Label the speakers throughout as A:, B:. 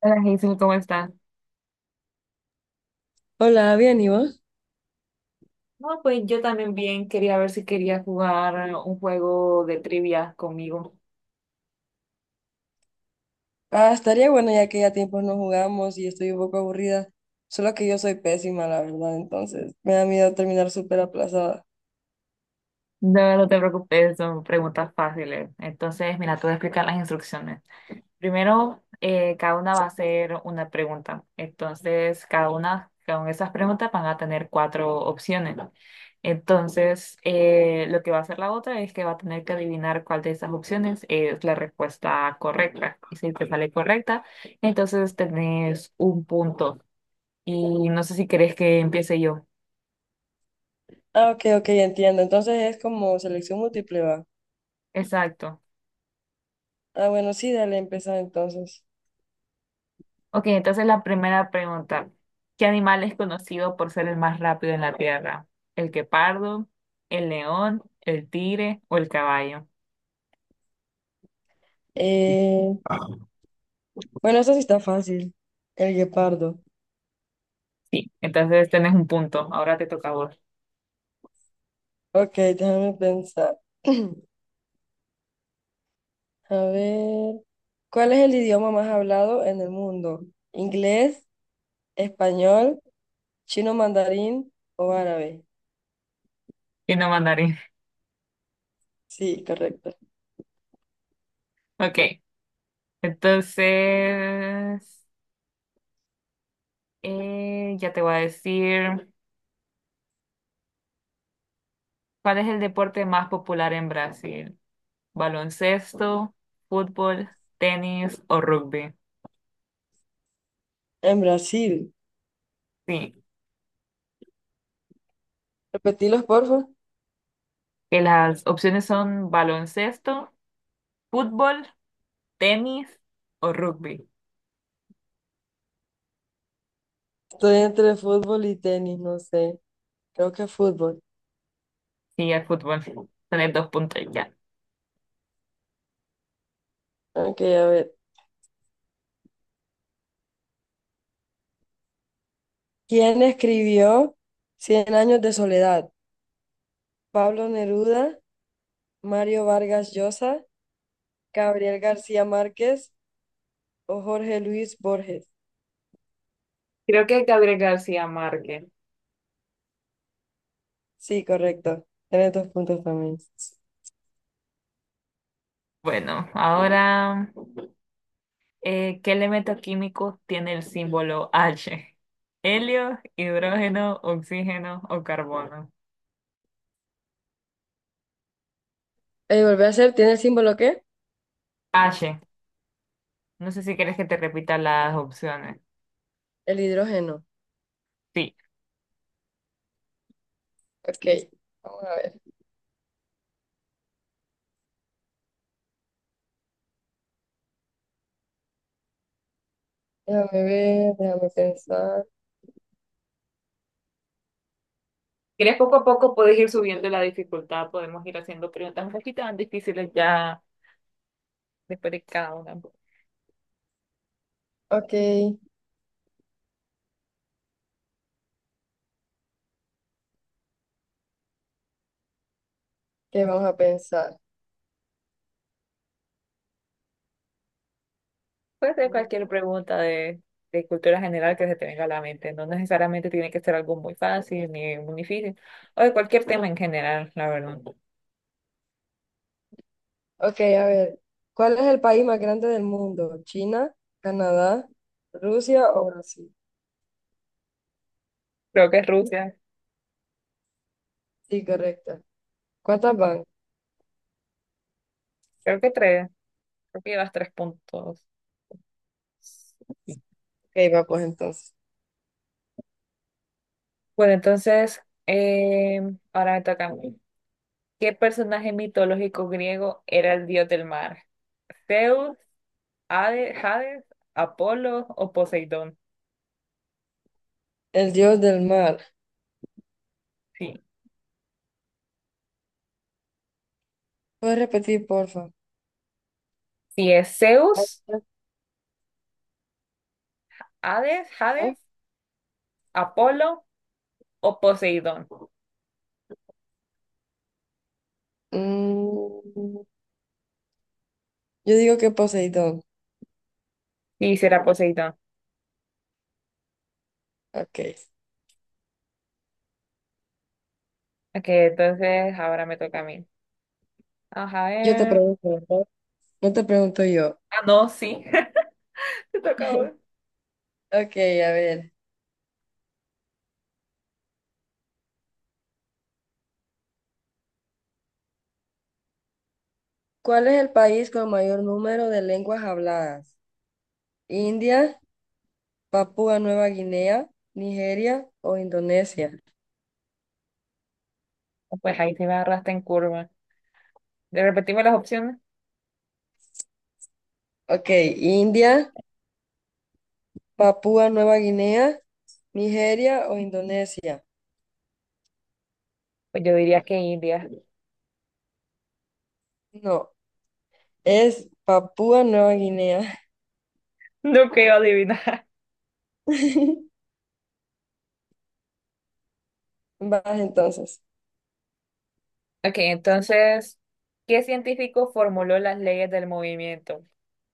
A: Hola Hazel, ¿cómo estás?
B: Hola, bien, ¿y vos?
A: No, pues yo también bien quería ver si quería jugar un juego de trivia conmigo.
B: Ah, estaría bueno ya que ya tiempos no jugamos y estoy un poco aburrida. Solo que yo soy pésima, la verdad, entonces me da miedo terminar súper aplazada.
A: No, no te preocupes, son preguntas fáciles. Entonces, mira, te voy a explicar las instrucciones. Primero, cada una va a hacer una pregunta. Entonces, cada una con esas preguntas van a tener cuatro opciones. Entonces, lo que va a hacer la otra es que va a tener que adivinar cuál de esas opciones es la respuesta correcta. Y si te sale correcta, entonces tenés un punto. Y no sé si querés que empiece yo.
B: Ah, ok, ok, entiendo. Entonces es como selección múltiple, va.
A: Exacto.
B: Ah, bueno, sí, dale, empezar entonces.
A: Ok, entonces la primera pregunta. ¿Qué animal es conocido por ser el más rápido en la Tierra? ¿El guepardo, el león, el tigre o el caballo?
B: Eh, bueno, eso sí está fácil. El guepardo.
A: Sí, entonces tenés un punto. Ahora te toca a vos.
B: Ok, déjame pensar. A ver, ¿cuál es el idioma más hablado en el mundo? ¿Inglés, español, chino mandarín o árabe?
A: Y no mandarín.
B: Sí, correcto.
A: Ok, entonces ya te voy a decir cuál es el deporte más popular en Brasil. ¿Baloncesto, fútbol, tenis o rugby?
B: En Brasil.
A: Sí,
B: Repetilos, porfa.
A: que las opciones son baloncesto, fútbol, tenis o rugby.
B: Estoy entre fútbol y tenis, no sé. Creo que fútbol.
A: Sí, el fútbol. Tener dos puntos ya.
B: Ok, a ver. ¿Quién escribió Cien años de soledad? ¿Pablo Neruda, Mario Vargas Llosa, Gabriel García Márquez o Jorge Luis Borges?
A: Creo que Gabriel García Márquez.
B: Sí, correcto. Tienes dos puntos también.
A: Bueno, ahora, ¿qué elemento químico tiene el símbolo H? ¿Helio, hidrógeno, oxígeno o carbono?
B: Volví a hacer, ¿tiene el símbolo qué?
A: H. No sé si quieres que te repita las opciones.
B: El hidrógeno.
A: Sí.
B: Ok, vamos a ver. Déjame ver, déjame pensar.
A: ¿Quieres poco a poco puedes ir subiendo la dificultad? Podemos ir haciendo preguntas un poquito más difíciles ya después de cada una.
B: Ok, ¿qué vamos a pensar?
A: Puede ser cualquier pregunta de cultura general que se te venga a la mente. No necesariamente tiene que ser algo muy fácil ni muy difícil, o de cualquier tema en general, la verdad.
B: Ok, a ver. ¿Cuál es el país más grande del mundo? ¿China, Canadá, Rusia o Brasil?
A: Creo que es Rusia,
B: Sí, correcta. ¿Cuántas van? Ok,
A: creo que tres, creo que llevas tres puntos. Sí.
B: va pues entonces.
A: Bueno, entonces, eh, ahora me toca a mí. ¿Qué personaje mitológico griego era el dios del mar? ¿Zeus, Hades, Apolo o Poseidón?
B: El dios del mar.
A: Sí.
B: ¿Puedes repetir, porfa?
A: Si es
B: Ah,
A: Zeus, Hades,
B: ah,
A: Hades, Apolo o Poseidón.
B: mm, yo digo que Poseidón.
A: Sí, será Poseidón.
B: Ok.
A: Ok, entonces ahora me toca a mí. Ajá,
B: Yo te
A: ver.
B: pregunto, ¿verdad? No te pregunto yo.
A: Ah, no, sí. Te toca a vos.
B: Ok, a ver. ¿Cuál es el país con mayor número de lenguas habladas? ¿India, Papúa Nueva Guinea, Nigeria o Indonesia?
A: Pues ahí sí me agarraste en curva. ¿De repetirme las opciones?
B: Ok, India, Papúa Nueva Guinea, Nigeria o Indonesia.
A: Pues yo diría que India.
B: No, es Papúa Nueva Guinea.
A: No creo adivinar.
B: Vas entonces.
A: Ok, entonces, ¿qué científico formuló las leyes del movimiento?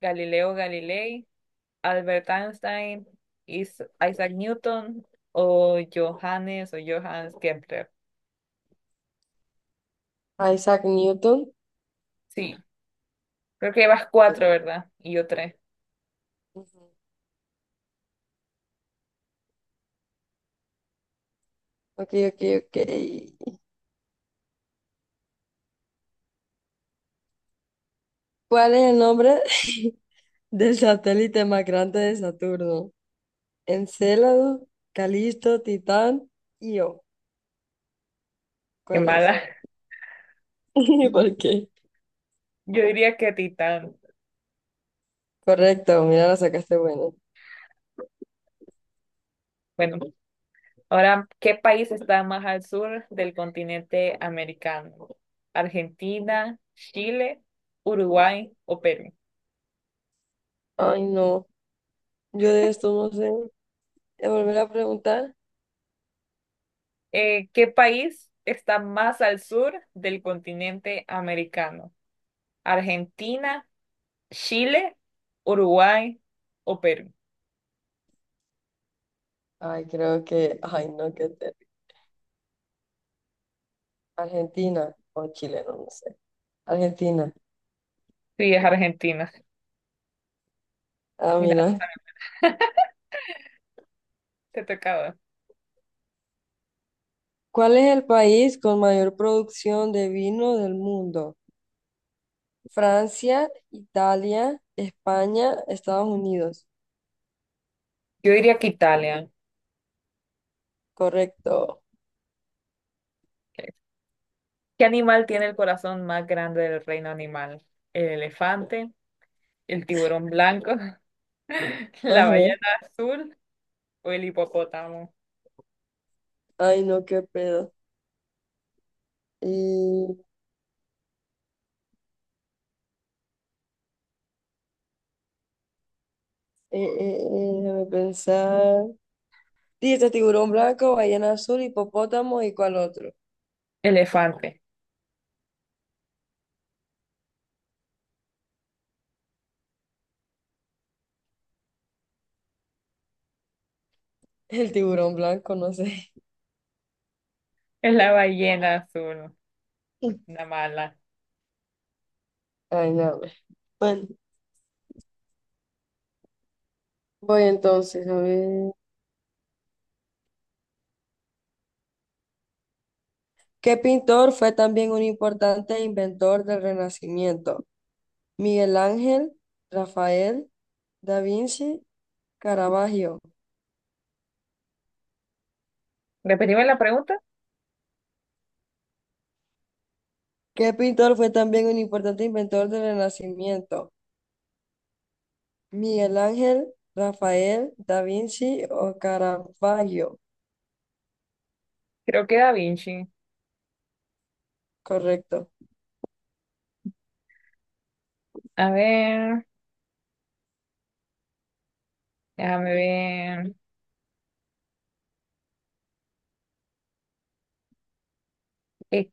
A: ¿Galileo Galilei, Albert Einstein, Isaac Newton o Johannes Kepler?
B: Isaac Newton.
A: Sí, creo que llevas cuatro, ¿verdad? Y yo tres.
B: Ujú. Ok, ok, ok. ¿Cuál es el nombre del satélite más grande de Saturno? Encélado, Calisto, Titán, Io.
A: Qué
B: ¿Cuál es?
A: mala.
B: ¿Por qué?
A: Yo diría que Titán.
B: Correcto, mira, la sacaste buena.
A: Bueno, ahora, ¿qué país está más al sur del continente americano? ¿Argentina, Chile, Uruguay o Perú?
B: Ay, no, yo de esto no sé. ¿Te volver a preguntar?
A: ¿Qué país está más al sur del continente americano? ¿Argentina, Chile, Uruguay o Perú?
B: Ay, creo que, ay, no, qué terrible. Argentina o Chile, no, no sé. Argentina.
A: Sí, es Argentina.
B: Ah,
A: Mira,
B: mira.
A: te tocaba.
B: ¿Cuál es el país con mayor producción de vino del mundo? Francia, Italia, España, Estados Unidos.
A: Yo diría que Italia.
B: Correcto.
A: ¿Qué animal tiene el corazón más grande del reino animal? ¿El elefante, el tiburón blanco, la
B: Ajá.
A: ballena azul o el hipopótamo?
B: Ay, no, qué pedo. Y, déjame pensar. Dice tiburón blanco, ballena azul, hipopótamo y cuál otro.
A: Elefante.
B: El tiburón blanco, no sé.
A: Es la ballena azul, una mala.
B: Ay, no. Bueno. Voy entonces a ver. ¿Qué pintor fue también un importante inventor del Renacimiento? Miguel Ángel, Rafael, Da Vinci, Caravaggio.
A: Repetimos la pregunta.
B: ¿Qué pintor fue también un importante inventor del Renacimiento? Miguel Ángel, Rafael, Da Vinci o Caravaggio.
A: Creo que Da Vinci.
B: Correcto.
A: A ver, déjame ver. Eh,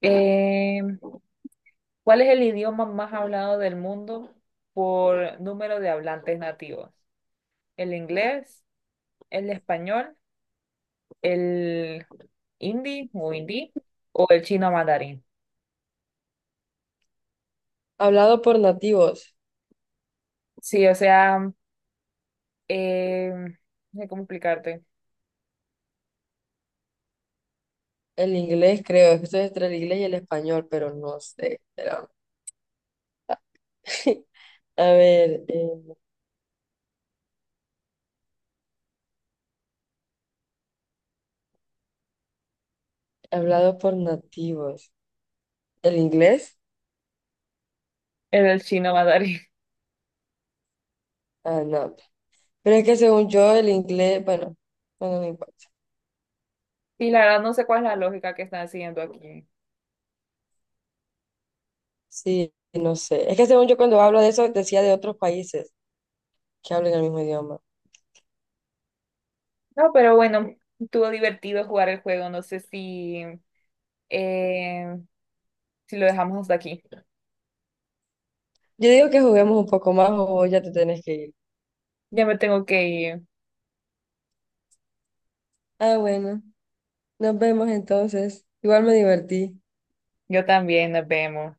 A: eh, ¿Cuál es el idioma más hablado del mundo por número de hablantes nativos? ¿El inglés, el español, el hindi o el chino mandarín?
B: Hablado por nativos.
A: Sí, o sea, Eh, no sé cómo explicarte.
B: El inglés, creo. Esto es entre el inglés y el español, pero no sé. Pero- A ver, hablado por nativos. ¿El inglés?
A: Era el chino mandarín.
B: Ah, no. Pero es que según yo, el inglés, bueno, no importa.
A: Y la verdad no sé cuál es la lógica que están haciendo aquí.
B: Sí, no sé. Es que según yo, cuando hablo de eso, decía de otros países que hablan el mismo idioma.
A: No, pero bueno, estuvo divertido jugar el juego. No sé eh, si lo dejamos hasta aquí.
B: Yo digo que juguemos un poco más o ya te tenés que ir.
A: Ya me tengo que ir.
B: Ah, bueno. Nos vemos entonces. Igual me divertí.
A: Yo también, nos vemos.